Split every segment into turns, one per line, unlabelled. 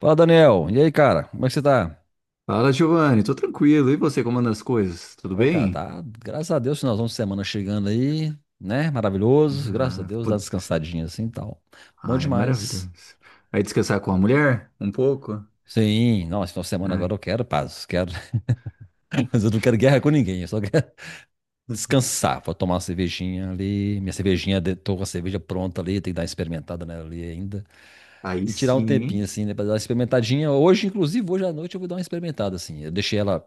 Fala, Daniel. E aí, cara? Como é que você tá?
Fala, Giovanni, tô tranquilo. E você, como anda as coisas? Tudo
Ó, cara,
bem?
tá. Graças a Deus, finalzão de semana chegando aí, né? Maravilhoso. Graças a
Ah,
Deus, dá uma
pô-
descansadinha assim e tal. Bom
Ai,
demais.
maravilhoso. Vai descansar com a mulher? Um pouco?
Sim, não, esse final de semana agora
Ai.
eu quero paz, quero, mas eu não quero guerra com ninguém, eu só quero descansar. Vou tomar uma cervejinha ali, minha cervejinha, tô com a cerveja pronta ali, tem que dar uma experimentada nela ali ainda.
Aí
E tirar um
sim,
tempinho
hein?
assim, né, pra dar uma experimentadinha. Hoje, inclusive, hoje à noite eu vou dar uma experimentada assim. Eu deixei ela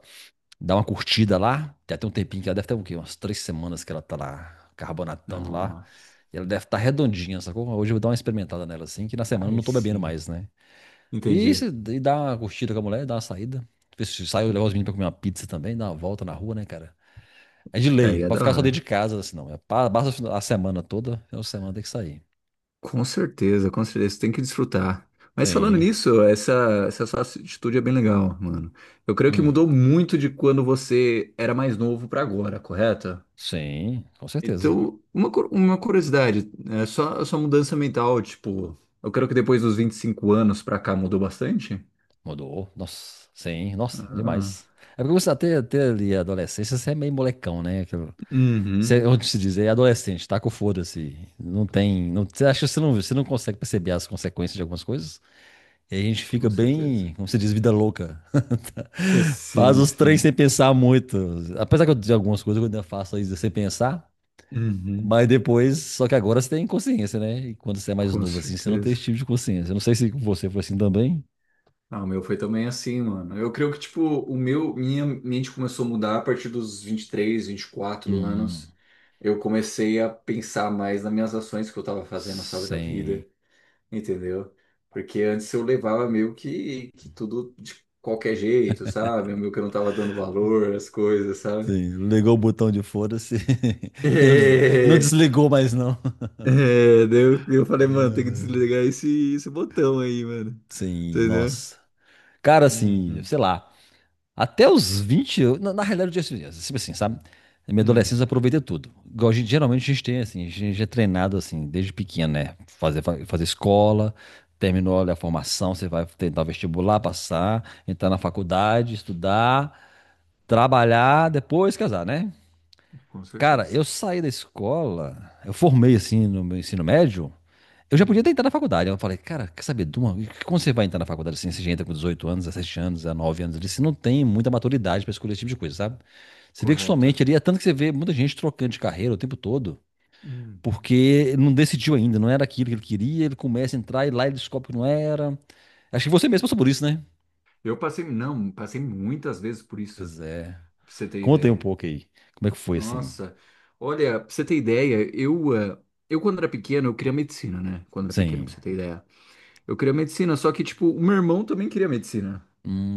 dá uma curtida lá. Tem até um tempinho que ela deve ter o quê? Umas três semanas que ela tá lá carbonatando lá.
Nossa,
E ela deve estar redondinha, sacou? Hoje eu vou dar uma experimentada nela assim, que na semana eu
aí
não tô bebendo
sim.
mais, né? E, se,
Entendi.
e dá uma curtida com a mulher, dá uma saída. Ver se sai, eu levar os meninos pra comer uma pizza também, dar uma volta na rua, né, cara? É de lei,
Aí
não
é
pode
da
ficar só dentro
hora.
de casa, assim, não. É, basta a semana toda, é uma semana tem que sair.
Com certeza, você tem que desfrutar. Mas falando
Sim.
nisso, essa sua atitude é bem legal, mano. Eu creio que
Hum.
mudou muito de quando você era mais novo pra agora, correto?
Sim, com certeza.
Então, uma curiosidade, é só a sua mudança mental, tipo, eu creio que depois dos 25 anos pra cá mudou bastante?
Mudou. Nossa, sim, nossa,
Ah,
demais. É porque você até ali a adolescência, você é meio molecão, né?
uhum,
Você, onde se diz, é adolescente, tá com foda-se. Não tem. Não, você acha que você não consegue perceber as consequências de algumas coisas? E a gente fica
com certeza.
bem, como se diz, vida louca. Faz
Sim,
os trens
sim.
sem pensar muito. Apesar que eu dizer algumas coisas, eu ainda faço isso sem pensar.
Uhum,
Mas depois, só que agora você tem consciência, né? E quando você é mais
com
novo assim, você não tem
certeza.
esse tipo de consciência. Eu não sei se com você foi assim também.
Ah, o meu foi também assim, mano. Eu creio que, tipo, minha mente começou a mudar a partir dos vinte vinte e três vinte e quatro
Hum,
anos. Eu comecei a pensar mais nas minhas ações que eu tava fazendo, sabe, da
sim.
vida. Entendeu? Porque antes eu levava meio que tudo de qualquer jeito, sabe? Meio que eu não tava dando valor às coisas, sabe?
Sim, ligou o botão de foda-se e não des- e não
É,
desligou mais, não.
é, daí eu falei, mano, tem que
Ah.
desligar esse botão aí, mano.
Sim,
Entendeu?
nossa. Cara, assim,
Uhum.
sei lá, até os 20 na realidade, eu tinha assim, assim, sabe? Na minha
Hum,
adolescência eu aproveitei tudo. Igual geralmente a gente tem, assim, a gente é treinado, assim, desde pequeno, né? Fazer escola, terminou ali a formação, você vai tentar vestibular, passar, entrar na faculdade, estudar, trabalhar, depois casar, né?
com
Cara,
certeza.
eu saí da escola, eu formei, assim, no meu ensino médio, eu já podia
Hum,
ter entrado na faculdade. Eu falei, cara, quer saber, Duma, como você vai entrar na faculdade assim? Você já entra com 18 anos, 17 anos, 19 anos ali, você não tem muita maturidade pra escolher esse tipo de coisa, sabe? Você vê que
correto.
somente ali, é tanto que você vê muita gente trocando de carreira o tempo todo,
Hum.
porque não decidiu ainda, não era aquilo que ele queria, ele começa a entrar e lá ele descobre que não era. Acho que você mesmo passou por isso, né?
Eu passei, não, passei muitas vezes por isso,
Pois é.
pra você ter
Conta aí um
ideia.
pouco aí. Como é que foi assim?
Nossa, olha, pra você ter ideia, eu quando era pequeno, eu queria medicina, né? Quando era pequeno, pra
Sim.
você ter ideia. Eu queria medicina, só que, tipo, o meu irmão também queria medicina.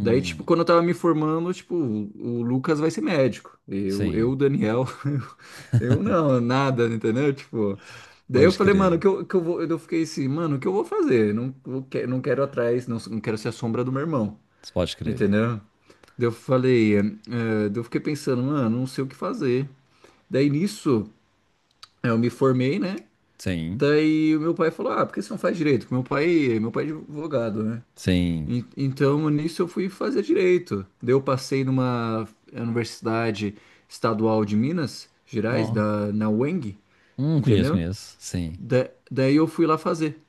Daí, tipo, quando eu tava me formando, tipo, o Lucas vai ser médico. Eu,
sim.
o Daniel, eu não, nada, entendeu? Tipo, daí eu
Pode
falei,
crer.
mano, que eu vou, eu fiquei assim, mano, o que eu vou fazer? Não, não quero atrás, não, não quero ser a sombra do meu irmão,
Pode crer.
entendeu? Daí eu falei, daí eu fiquei pensando, mano, não sei o que fazer. Daí nisso, eu me formei, né?
Sim.
Daí o meu pai falou, ah, por que você não faz direito? Porque meu pai é advogado, né?
Sim.
Então, nisso eu fui fazer direito. Daí eu passei numa universidade estadual de Minas Gerais,
Ó.
na UENG,
Conheço,
entendeu?
conheço. Sim.
Daí eu fui lá fazer,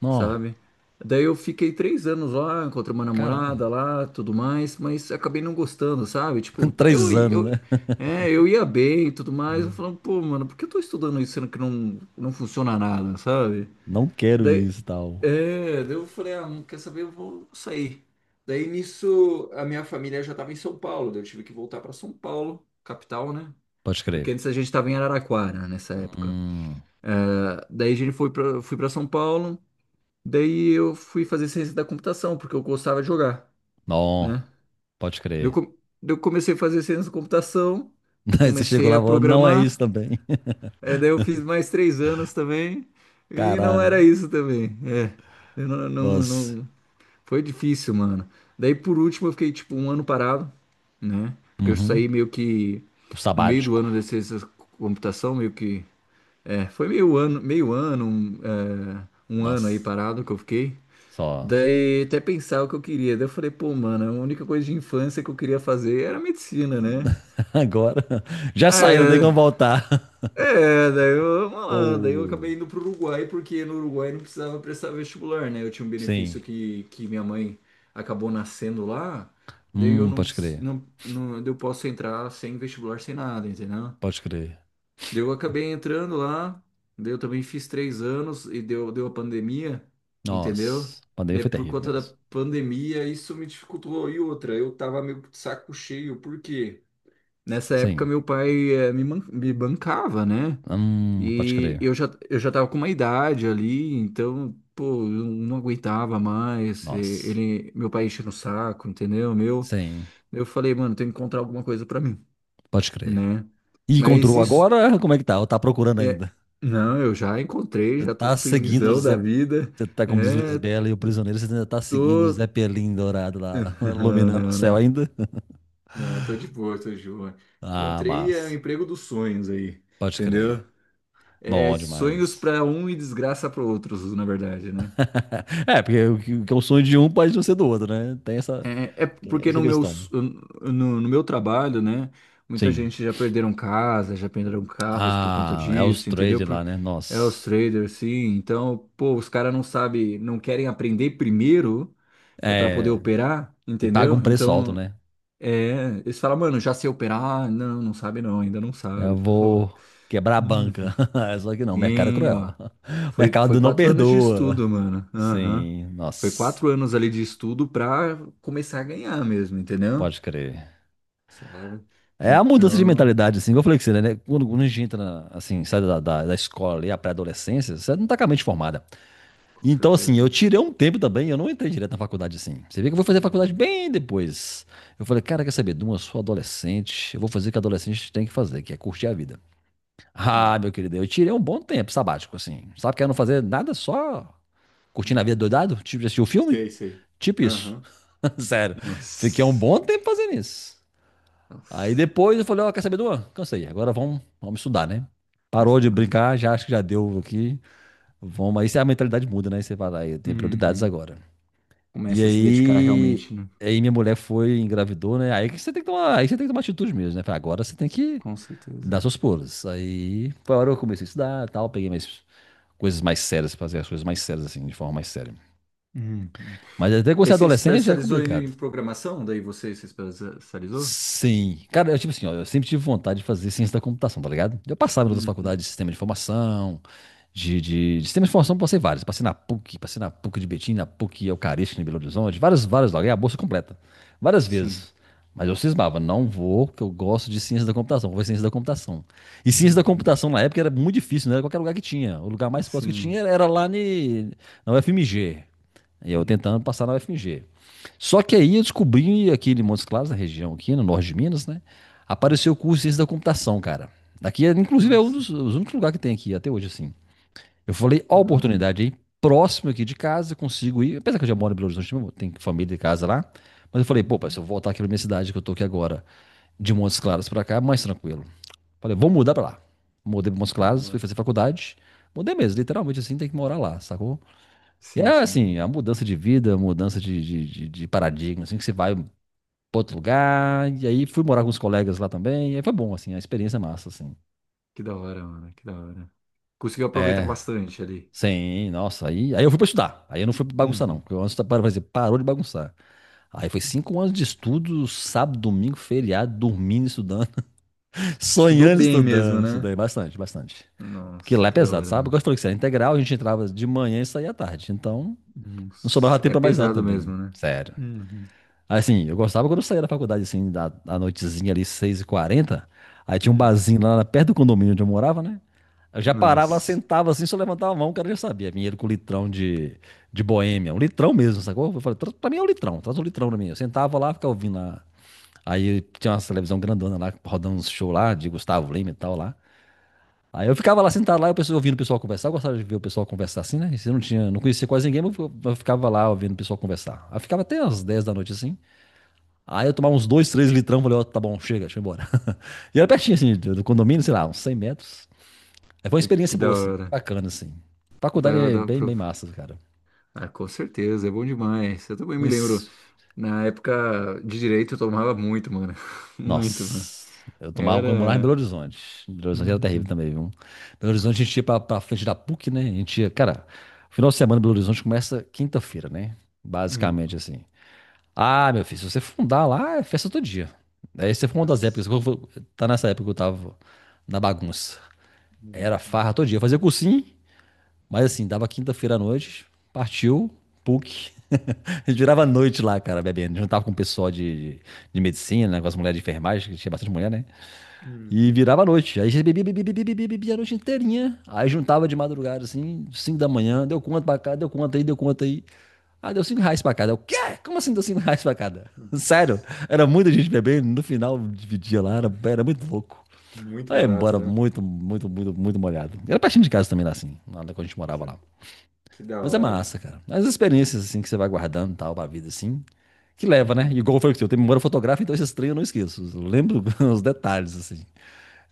Não,
sabe? Daí eu fiquei 3 anos lá, encontrei uma
caramba.
namorada lá, tudo mais, mas acabei não gostando, sabe? Tipo, tá- eu,
Três anos,
eu,
né?
é, eu ia bem e tudo mais, eu
Hum.
falando, pô, mano, por que eu tô estudando isso sendo que não funciona nada, sabe?
Não quero
Daí,
isso e tal.
daí eu falei, ah, não quer saber, eu vou sair. Daí nisso, a minha família já estava em São Paulo, daí eu tive que voltar para São Paulo, capital, né?
Pode crer.
Porque antes a gente estava em Araraquara nessa época.
Hum,
Ah, daí a gente foi para fui para São Paulo, daí eu fui fazer ciência da computação, porque eu gostava de jogar,
não,
né?
pode
Eu,
crer.
com- eu comecei a fazer ciência da computação,
Aí você chegou
comecei
lá e
a
falou, não é isso
programar,
também.
é, daí eu fiz mais 3 anos também, e não era
Caralho.
isso também, é. Eu não, não,
Nossa.
não. Foi difícil, mano. Daí por último eu fiquei tipo um ano parado, né? Porque eu
Uhum.
saí meio que
O
no meio do
sabático.
ano da ciência da computação, meio que. É, foi meio ano, um ano aí
Nossa.
parado que eu fiquei.
Só.
Daí até pensar o que eu queria. Daí eu falei, pô, mano, a única coisa de infância que eu queria fazer era medicina, né?
Agora. Já saí, não tem como
É,
voltar.
É, daí eu, mano, daí eu
Pô.
acabei indo pro Uruguai, porque no Uruguai não precisava prestar vestibular, né? Eu tinha um
Sim.
benefício que minha mãe acabou nascendo lá, daí eu não,
Pode crer.
não, não, daí eu posso entrar sem vestibular, sem nada, entendeu?
Pode crer.
Daí eu acabei entrando lá, daí eu também fiz 3 anos e deu a pandemia, entendeu?
Nossa. A pandemia
Daí
foi
por
terrível
conta da
mesmo.
pandemia isso me dificultou. E outra, eu tava meio que de saco cheio, por quê? Nessa época
Sim.
meu pai me bancava, né?
Pode
E
crer.
eu já tava com uma idade ali, então, pô, eu não aguentava mais. E
Nossa.
ele, meu pai enchendo o saco, entendeu? Meu,
Sim.
eu falei, mano, tem que encontrar alguma coisa pra mim,
Pode crer.
né?
E
Mas
encontrou
isso
agora? Como é que tá? Ou tá procurando
é,
ainda?
não, eu já encontrei,
Você
já tô
tá seguindo o
felizão
Zé.
da vida.
Você tá, como diz
É,
Lisbela e o prisioneiro, você ainda tá seguindo o Zé
tô
Pelim dourado lá,
Não,
iluminando o
não,
céu
não.
ainda?
Não, tô de boa, tô de boa.
Ah,
Encontrei é, o
mas.
emprego dos sonhos aí,
Pode crer.
entendeu? É,
Bom
sonhos
demais.
pra um e desgraça para outros, na verdade, né?
É, porque o que é o sonho de um pode não ser do outro, né? Tem essa,
É,
tem
porque
essa
no meu,
questão.
s- no, no meu trabalho, né? Muita
Sim.
gente já perderam casa, já perderam carros por conta
Ah, é os
disso, entendeu?
trades
Por,
lá, né?
é os
Nossa.
traders, sim. Então, pô, os caras não sabem, não querem aprender primeiro é para poder
É.
operar,
E paga um
entendeu?
preço alto,
Então,
né?
é, eles falam, mano, já sei operar. Não, não sabe não, ainda não
Eu
sabe. Pô.
vou quebrar a
Hum.
banca. Só que não, o mercado é
E,
cruel.
ó,
O
foi
mercado não
4 anos de
perdoa.
estudo, mano. Aham.
Sim,
Foi
nossa,
4 anos ali de estudo pra começar a ganhar mesmo, entendeu?
pode crer.
Sabe?
É a mudança de
Então,
mentalidade, assim, igual eu falei com você, né? Quando a gente entra, assim, sai da escola ali, a pré-adolescência, você não tá com a mente formada.
com
Então, assim,
certeza.
eu tirei um tempo também, eu não entrei direto na faculdade, assim. Você vê que eu vou fazer faculdade
Uhum.
bem depois. Eu falei, cara, quer saber, Duma, eu sou adolescente, eu vou fazer o que adolescente tem que fazer, que é curtir a vida. Ah,
Sim.
meu querido, eu tirei um bom tempo sabático, assim. Sabe que eu não fazer nada, só curtindo a vida
Uhum.
doidado, tipo de assistir o filme?
Sei, sei.
Tipo isso.
Aham.
Sério, fiquei um
Nossa.
bom tempo fazendo isso. Aí
Nossa.
depois eu falei, ó, quer saber, Duan? Cansei, agora vamos estudar, né? Parou
Isso
de
não.
brincar, já acho que já deu aqui. Vamos, aí a mentalidade muda, né? Você fala, aí tem prioridades
Uhum.
agora. E
Começa a se dedicar
aí,
realmente, né?
aí minha mulher foi, engravidou, né? Aí que você tem que tomar, aí você tem que tomar atitude mesmo, né? Falei, agora você tem que
Com
dar
certeza.
seus pulos. Aí foi a hora que eu comecei a estudar, tal, peguei minhas coisas mais sérias, fazer as coisas mais sérias assim, de forma mais séria.
Uhum.
Mas até que você
E
é
você
adolescente é
especializou em
complicado.
em programação? Daí você se especializou?
Sim. Cara, eu, tipo assim, ó, eu sempre tive vontade de fazer ciência da computação, tá ligado? Eu passava em outras
Uhum.
faculdades de sistema de informação, passei vários. Passei na PUC de Betim, na PUC Eucarística, em Belo Horizonte, várias, várias, lá, ganhei a bolsa é completa. Várias
Sim.
vezes. Mas eu cismava, não vou, porque eu gosto de ciência da computação, vou fazer ciência da computação. E ciência da
Uhum.
computação na época era muito difícil, não era qualquer lugar que tinha. O lugar mais próximo que
Sim.
tinha era lá na UFMG. E eu tentando passar na UFMG. Só que aí eu descobri aqui em Montes Claros, na região aqui, no norte de Minas, né?
Uhum.
Apareceu o curso de ciência da computação, cara. Aqui, é, inclusive, é um
Nossa,
dos, os únicos lugares que tem aqui até hoje, assim. Eu falei, ó, a
que da hora.
oportunidade aí, próximo aqui de casa, consigo ir. Apesar que eu já moro em Belo Horizonte, tem família de casa lá. Mas eu falei, pô, pai, se
Uhum.
eu voltar aqui pra minha cidade, que eu tô aqui agora, de Montes Claros pra cá, é mais tranquilo. Falei, vou mudar pra lá. Mudei pra Montes Claros, fui
Boa.
fazer faculdade. Mudei mesmo, literalmente assim, tem que morar lá, sacou? E
Sim,
é
sim.
assim, a mudança de vida, a mudança de paradigma, assim, que você vai para outro lugar, e aí fui morar com os colegas lá também, e aí foi bom, assim, a experiência é massa, assim.
Que da hora, mano. Que da hora. Conseguiu aproveitar
É,
bastante ali.
sim, nossa, aí eu fui para estudar, aí eu não fui pra bagunçar não,
Uhum.
porque eu antes, para dizer, parou de bagunçar. Aí foi 5 anos de estudo, sábado, domingo, feriado, dormindo, estudando,
Estudou
sonhando,
bem mesmo,
estudando,
né?
estudei bastante, bastante. Porque
Nossa,
lá é
que da
pesado,
hora,
sabe? Porque
mano.
eu falei que isso era integral, a gente entrava de manhã e saía à tarde, então não sobrava
Nossa,
tempo
é
pra mais nada
pesado
também,
mesmo, né?
sério.
Uhum.
Assim, eu gostava quando eu saía da faculdade, assim, da noitezinha ali, 6:40. Aí tinha um
Uhum.
barzinho lá perto do condomínio onde eu morava, né? Eu já parava lá,
Nossa,
sentava assim, só levantava a mão, o cara já sabia. Vinha ele com litrão de boêmia, um litrão mesmo, sacou? Eu falei, pra mim é um litrão, traz um litrão pra mim". Eu sentava lá, ficava ouvindo lá. Aí tinha uma televisão grandona lá, rodando uns shows lá, de Gustavo Lima e tal lá. Aí eu ficava lá sentado lá, ouvindo o pessoal conversar. Eu gostava de ver o pessoal conversar assim, né? E se eu não tinha, não conhecia quase ninguém, mas eu ficava lá ouvindo o pessoal conversar. Aí ficava até às 10 da noite assim. Aí eu tomava uns dois, três litrão, falei, ó, tá bom, chega, deixa eu ir embora. E era pertinho, assim, do condomínio, sei lá, uns 100 metros. Aí foi uma
que
experiência
da
boa, assim,
hora.
bacana, assim. Faculdade
Dá-
é
dá
bem,
pra-
bem massa, cara.
Ah, com certeza, é bom demais. Eu também me lembro,
Mas,
na época de direito eu tomava muito, mano. Muito, mano.
nossa, eu tomava quando eu morava em Belo
Era.
Horizonte. Belo Horizonte era terrível
Uhum.
também, viu? Belo Horizonte a gente
Nossa.
ia pra frente da PUC, né? A gente ia, cara, final de semana em Belo Horizonte começa quinta-feira, né?
Uhum.
Basicamente, assim. Ah, meu filho, se você fundar lá, é festa todo dia. Aí você foi uma das épocas,
Nossa.
que tá nessa época que eu tava na bagunça. Era
Uhum.
farra todo dia. Eu fazia cursinho, mas assim, dava quinta-feira à noite, partiu, PUC. A gente virava a noite lá, cara, bebendo. Juntava com o pessoal de medicina, né, com as mulheres de enfermagem, que tinha bastante mulher, né? E
Uhum.
virava a noite. Aí a gente bebia, bebia, bebia, bebia, bebia a noite inteirinha. Aí juntava de madrugada, assim, 5 da manhã, deu conta pra cá, deu conta aí, deu conta aí. Ah, deu R$ 5 pra cada. Eu, quê? Como assim deu R$ 5 pra cada? Sério,
Nossa.
era muita gente bebendo, no final dividia lá, era muito louco.
Muito
Aí
barato,
embora
né?
muito, muito, muito, muito molhado. Era pertinho de casa também lá, assim, lá quando a gente morava
Que,
lá.
que da
Mas é
hora,
massa,
mano.
cara. As experiências, assim, que você vai guardando e tal, pra vida, assim, que leva, né?
Uhum.
Igual foi o que eu tenho memória fotográfica, então esses três eu não esqueço. Eu lembro os detalhes, assim.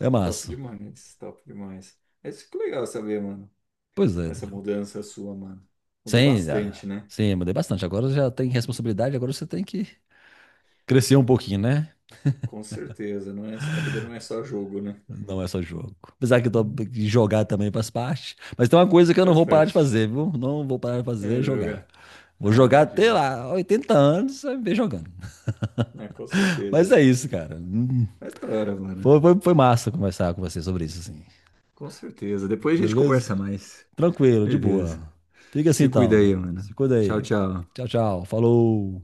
É
Top
massa.
demais, top demais. É isso que é legal saber, mano.
Pois é,
Essa
Daniel.
mudança sua, mano. Mudou
Sim,
bastante, né?
sim, mudei bastante. Agora já tem responsabilidade, agora você tem que crescer um pouquinho, né?
Com certeza, não é, a vida não é só jogo, né?
Não é só jogo. Apesar que eu tô,
Uhum.
que jogar também faz parte. Mas tem uma coisa que eu não
Faz
vou parar de
parte.
fazer, viu? Não vou parar de fazer,
É
é jogar.
jogar.
Vou
Ah,
jogar até
imagina.
lá, 80 anos, vai ver jogando.
Ah, com
Mas
certeza.
é isso, cara.
É da hora, mano.
Foi massa conversar com você sobre isso, assim.
Com certeza. Depois a gente
Beleza?
conversa mais.
Tranquilo, de
Beleza.
boa. Fica assim
Se cuida
então.
aí, mano.
Se cuida
Tchau,
aí.
tchau.
Tchau, tchau. Falou.